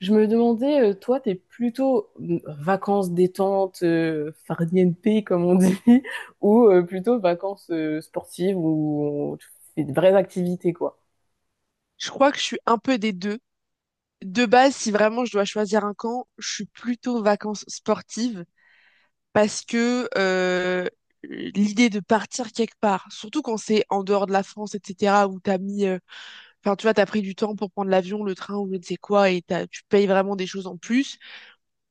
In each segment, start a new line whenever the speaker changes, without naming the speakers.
Je me demandais, toi, t'es plutôt vacances détente, farniente, comme on dit, ou plutôt vacances sportives tu fais de vraies activités, quoi.
Je crois que je suis un peu des deux. De base, si vraiment je dois choisir un camp, je suis plutôt vacances sportives parce que l'idée de partir quelque part, surtout quand c'est en dehors de la France, etc., où t'as mis, enfin tu vois, t'as pris du temps pour prendre l'avion, le train ou je ne sais quoi, et tu payes vraiment des choses en plus.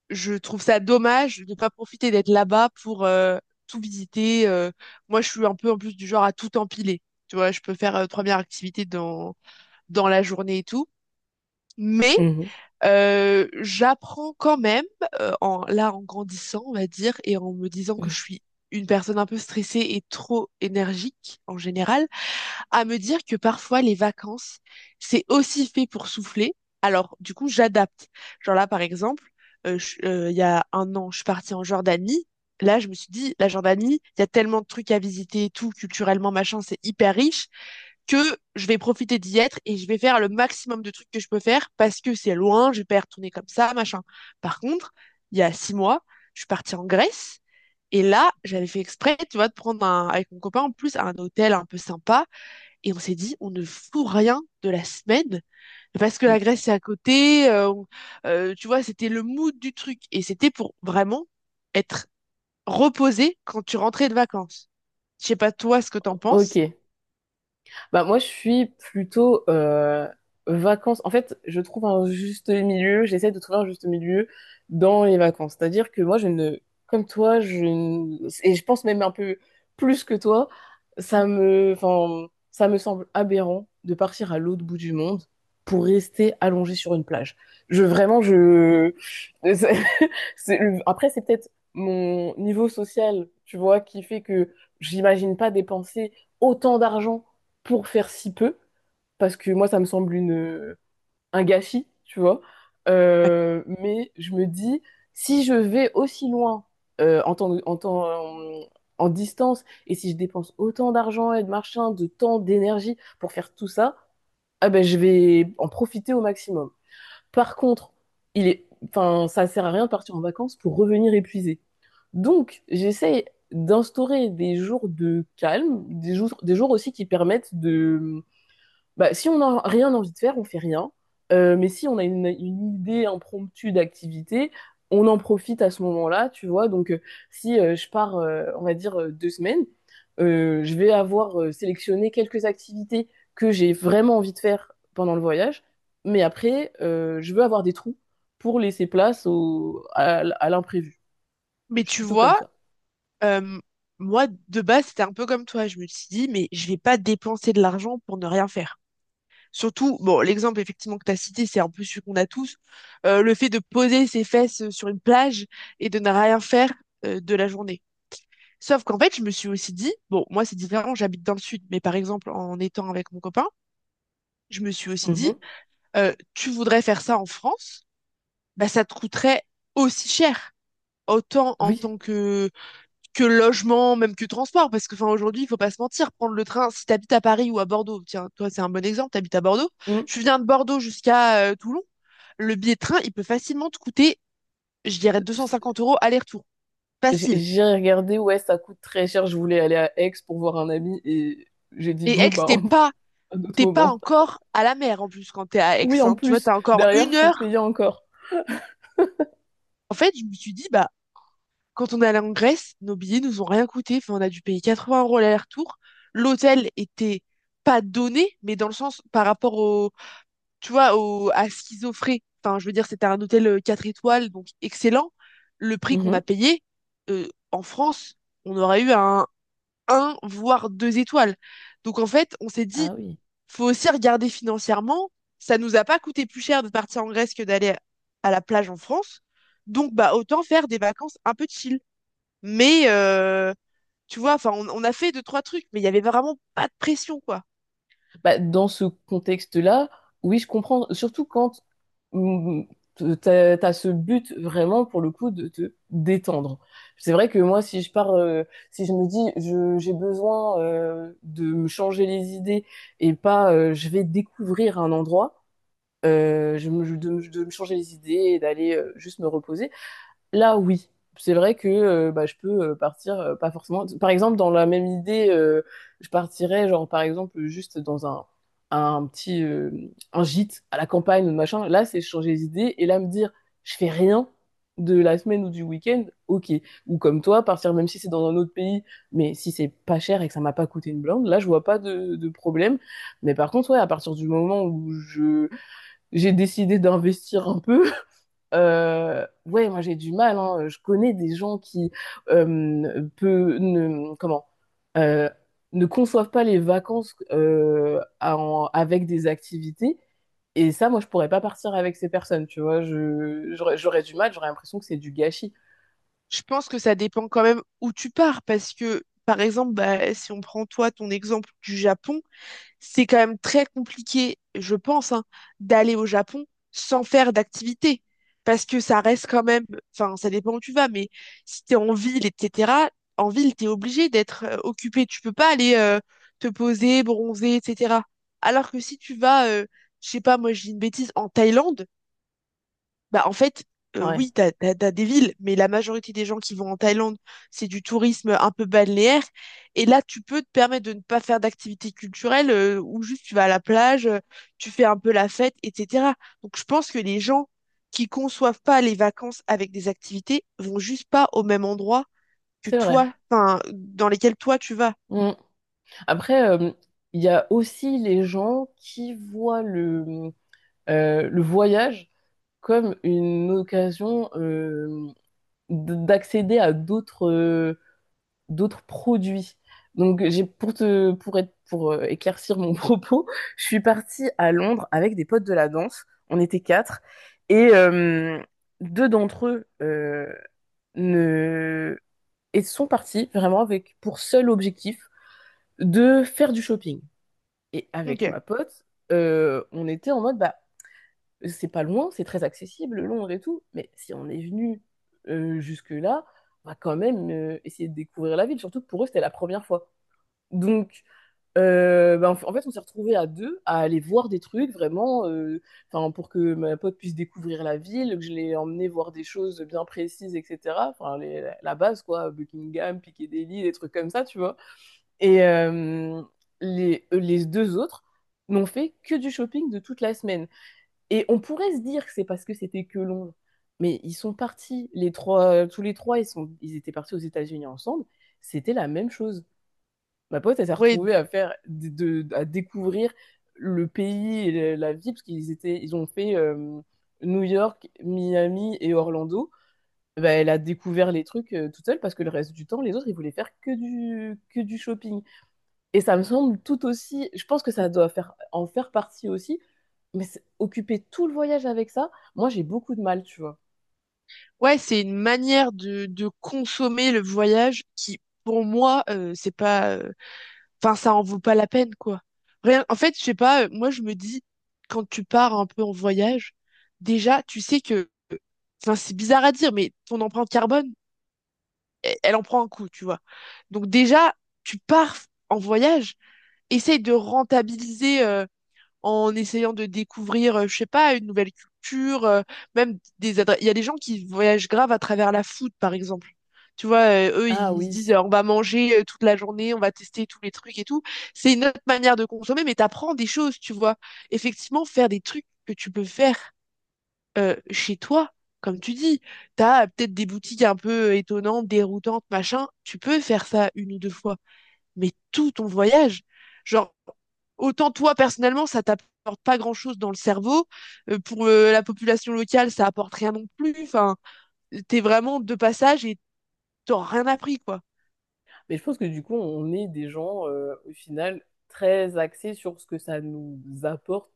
Je trouve ça dommage de ne pas profiter d'être là-bas pour tout visiter. Moi, je suis un peu en plus du genre à tout empiler. Tu vois, je peux faire trois 3 activités dans la journée et tout. Mais
Mhm.
J'apprends quand même, là en grandissant, on va dire, et en me disant que je suis une personne un peu stressée et trop énergique en général, à me dire que parfois les vacances, c'est aussi fait pour souffler. Alors, du coup, j'adapte. Genre là, par exemple, il y a un an, je suis partie en Jordanie. Là, je me suis dit, la Jordanie, il y a tellement de trucs à visiter et tout, culturellement, machin, c'est hyper riche que je vais profiter d'y être et je vais faire le maximum de trucs que je peux faire parce que c'est loin, je vais pas y retourner comme ça, machin. Par contre, il y a 6 mois, je suis partie en Grèce et là, j'avais fait exprès, tu vois, de prendre un, avec mon copain en plus un hôtel un peu sympa et on s'est dit, on ne fout rien de la semaine parce que la Grèce c'est à côté, tu vois, c'était le mood du truc et c'était pour vraiment être reposé quand tu rentrais de vacances. Je sais pas toi ce que t'en penses.
Ok. Bah, moi, je suis plutôt vacances. En fait, je trouve un juste milieu, j'essaie de trouver un juste milieu dans les vacances. C'est-à-dire que moi, je ne, comme toi, je ne- et je pense même un peu plus que toi, enfin, ça me semble aberrant de partir à l'autre bout du monde pour rester allongé sur une plage. Je, vraiment, je, c'est- c'est- après, c'est peut-être mon niveau social, tu vois, qui fait que j'imagine pas dépenser autant d'argent pour faire si peu, parce que moi, ça me semble un gâchis, tu vois. Mais je me dis, si je vais aussi loin euh, en temps, en temps, en, en distance, et si je dépense autant d'argent et de machin, de temps, d'énergie pour faire tout ça, ah ben, je vais en profiter au maximum. Par contre, enfin, ça sert à rien de partir en vacances pour revenir épuisé. Donc, j'essaie d'instaurer des jours de calme, des jours aussi qui permettent de bah, si on n'a rien envie de faire, on fait rien. Mais si on a une idée impromptue d'activité, on en profite à ce moment-là, tu vois. Donc, si je pars, on va dire, deux semaines, je vais avoir sélectionné quelques activités que j'ai vraiment envie de faire pendant le voyage. Mais après, je veux avoir des trous pour laisser place à l'imprévu.
Mais
Je suis
tu
plutôt comme
vois,
ça.
Euh, moi, de base, c'était un peu comme toi. Je me suis dit, mais je vais pas dépenser de l'argent pour ne rien faire. Surtout, bon, l'exemple effectivement que tu as cité, c'est un peu celui qu'on a tous. Le fait de poser ses fesses sur une plage et de ne rien faire de la journée. Sauf qu'en fait, je me suis aussi dit, bon, moi c'est différent, j'habite dans le sud, mais par exemple, en étant avec mon copain, je me suis aussi dit,
Mhm.
tu voudrais faire ça en France, bah ça te coûterait aussi cher. Autant en
Oui.
tant que logement, même que transport, parce que enfin aujourd'hui, il faut pas se mentir, prendre le train, si tu habites à Paris ou à Bordeaux, tiens, toi c'est un bon exemple, tu habites à Bordeaux,
Mhm.
tu viens de Bordeaux jusqu'à Toulon, le billet de train, il peut facilement te coûter, je dirais, 250 € aller-retour.
J'ai
Facile.
j'ai regardé, ouais, ça coûte très cher. Je voulais aller à Aix pour voir un ami et j'ai dit,
Et
bon,
Aix,
bah,
t'es pas,
un autre
t'es pas
moment.
encore à la mer en plus quand t'es à Aix,
Oui, en
hein. Tu vois,
plus,
t'as encore
derrière,
une
faut
heure.
payer encore.
En fait, je me suis dit, bah, quand on est allé en Grèce, nos billets nous ont rien coûté. Enfin, on a dû payer 80 € l'aller-retour. L'hôtel était pas donné, mais dans le sens par rapport au tu vois, au, à ce qu'ils offraient. Enfin, je veux dire, c'était un hôtel 4 étoiles, donc excellent. Le prix qu'on
Mhm.
a payé, en France, on aurait eu un 1, voire 2 étoiles. Donc, en fait, on s'est dit,
Ah oui.
faut aussi regarder financièrement. Ça nous a pas coûté plus cher de partir en Grèce que d'aller à la plage en France. Donc, bah, autant faire des vacances un peu chill. Mais, tu vois, enfin, on a fait deux, trois trucs, mais il y avait vraiment pas de pression, quoi.
Bah, dans ce contexte-là, oui, je comprends. Surtout quand mm, t'as ce but vraiment, pour le coup, de te détendre. C'est vrai que moi, si je pars, si je me dis, j'ai besoin de me changer les idées et pas, je vais découvrir un endroit. De me changer les idées et d'aller juste me reposer. Là, oui, c'est vrai que bah, je peux partir, pas forcément. Par exemple, dans la même idée, je partirais, genre, par exemple, un petit un gîte à la campagne ou machin. Là, c'est changer les idées et là, me dire, je fais rien de la semaine ou du week-end, ok. Ou comme toi, partir même si c'est dans un autre pays, mais si c'est pas cher et que ça m'a pas coûté une blinde, là, je vois pas de problème. Mais par contre, ouais, à partir du moment où je j'ai décidé d'investir un peu. Ouais, moi j'ai du mal, hein. Je connais des gens qui euh, peu- ne, comment, euh, ne conçoivent pas les vacances avec des activités. Et ça, moi, je pourrais pas partir avec ces personnes. Tu vois, j'aurais du mal. J'aurais l'impression que c'est du gâchis.
Je pense que ça dépend quand même où tu pars, parce que, par exemple, bah, si on prend toi ton exemple du Japon, c'est quand même très compliqué, je pense, hein, d'aller au Japon sans faire d'activité, parce que ça reste quand même, enfin, ça dépend où tu vas, mais si t'es en ville, etc., en ville, t'es obligé d'être occupé, tu peux pas aller te poser, bronzer, etc. Alors que si tu vas, je sais pas, moi, je dis une bêtise, en Thaïlande, bah, en fait,
Ouais,
oui, t'as des villes, mais la majorité des gens qui vont en Thaïlande, c'est du tourisme un peu balnéaire. Et là, tu peux te permettre de ne pas faire d'activité culturelle ou juste tu vas à la plage, tu fais un peu la fête, etc. Donc, je pense que les gens qui conçoivent pas les vacances avec des activités vont juste pas au même endroit que
c'est vrai.
toi, enfin, dans lesquels toi tu vas.
Mm. Après, il y a aussi les gens qui voient le voyage comme une occasion, d'accéder à d'autres produits. Donc j'ai pour te pour être pour éclaircir mon propos, je suis partie à Londres avec des potes de la danse. On était quatre et deux d'entre eux ne et sont partis vraiment avec pour seul objectif de faire du shopping. Et
Ok.
avec ma pote, on était en mode bah c'est pas loin, c'est très accessible, Londres et tout, mais si on est venu jusque-là, on va quand même essayer de découvrir la ville, surtout que pour eux, c'était la première fois. Donc, en fait, on s'est retrouvés à deux à aller voir des trucs vraiment, 'fin, pour que ma pote puisse découvrir la ville, que je l'ai emmenée voir des choses bien précises, etc. Enfin, la base, quoi, Buckingham, Piccadilly, des trucs comme ça, tu vois. Et les deux autres n'ont fait que du shopping de toute la semaine. Et on pourrait se dire que c'est parce que c'était que long, mais ils sont partis, tous les trois, ils étaient partis aux États-Unis ensemble, c'était la même chose. Ma pote, elle s'est
Ouais,
retrouvée à, faire, de- à découvrir le pays et la vie, parce qu'ils ont fait New York, Miami et Orlando. Bah, elle a découvert les trucs toute seule parce que le reste du temps, les autres, ils voulaient faire que du shopping. Et ça me semble tout aussi, je pense que ça doit faire, en faire partie aussi, mais occuper tout le voyage avec ça, moi j'ai beaucoup de mal, tu vois.
ouais, c'est une manière de consommer le voyage qui, pour moi, c'est pas. Enfin, ça en vaut pas la peine, quoi. Rien, en fait, je sais pas, moi je me dis, quand tu pars un peu en voyage, déjà, tu sais que, enfin, c'est bizarre à dire, mais ton empreinte carbone, elle en prend un coup, tu vois. Donc déjà, tu pars en voyage, essaye de rentabiliser en essayant de découvrir, je sais pas, une nouvelle culture, même des adresses. Il y a des gens qui voyagent grave à travers la food, par exemple. Tu vois, eux,
Ah
ils se
oui.
disent, on va manger toute la journée, on va tester tous les trucs et tout. C'est une autre manière de consommer, mais t'apprends des choses, tu vois. Effectivement, faire des trucs que tu peux faire chez toi, comme tu dis. T'as peut-être des boutiques un peu étonnantes, déroutantes, machin. Tu peux faire ça une ou deux fois mais tout ton voyage. Genre, autant toi personnellement, ça t'apporte pas grand-chose dans le cerveau. Pour la population locale, ça apporte rien non plus. Enfin, t'es vraiment de passage et t'as rien appris, quoi.
Mais je pense que du coup, on est des gens, au final, très axés sur ce que ça nous apporte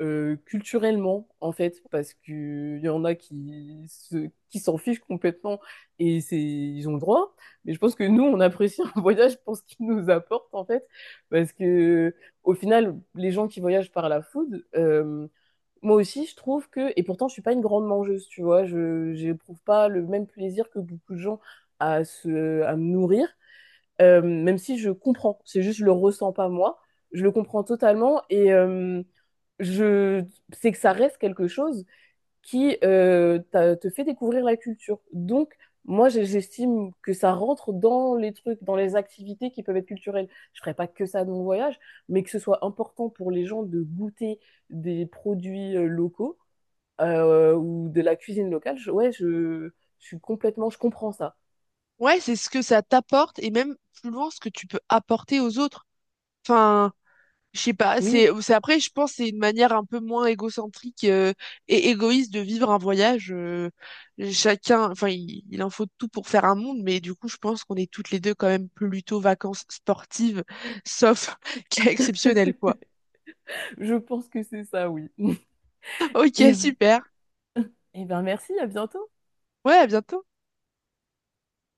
culturellement, en fait, parce qu'il y en a qui qui s'en fichent complètement et c'est, ils ont le droit. Mais je pense que nous, on apprécie un voyage pour ce qu'il nous apporte, en fait, parce que au final, les gens qui voyagent par la food, moi aussi, je trouve que, et pourtant, je suis pas une grande mangeuse, tu vois, je j'éprouve pas le même plaisir que beaucoup de gens à me nourrir, même si je comprends, c'est juste je le ressens pas moi, je le comprends totalement et je sais que ça reste quelque chose qui te fait découvrir la culture. Donc, moi, j'estime que ça rentre dans les trucs, dans les activités qui peuvent être culturelles. Je ferai pas que ça de mon voyage, mais que ce soit important pour les gens de goûter des produits locaux ou de la cuisine locale, ouais, je suis complètement, je comprends ça.
Ouais, c'est ce que ça t'apporte et même plus loin ce que tu peux apporter aux autres. Enfin, je sais pas,
Oui,
après je pense c'est une manière un peu moins égocentrique et égoïste de vivre un voyage. Chacun, enfin il en faut de tout pour faire un monde, mais du coup je pense qu'on est toutes les deux quand même plutôt vacances sportives, sauf cas exceptionnel quoi.
je pense que c'est ça, oui. Et,
Ok, super.
et ben merci, à bientôt.
Ouais, à bientôt.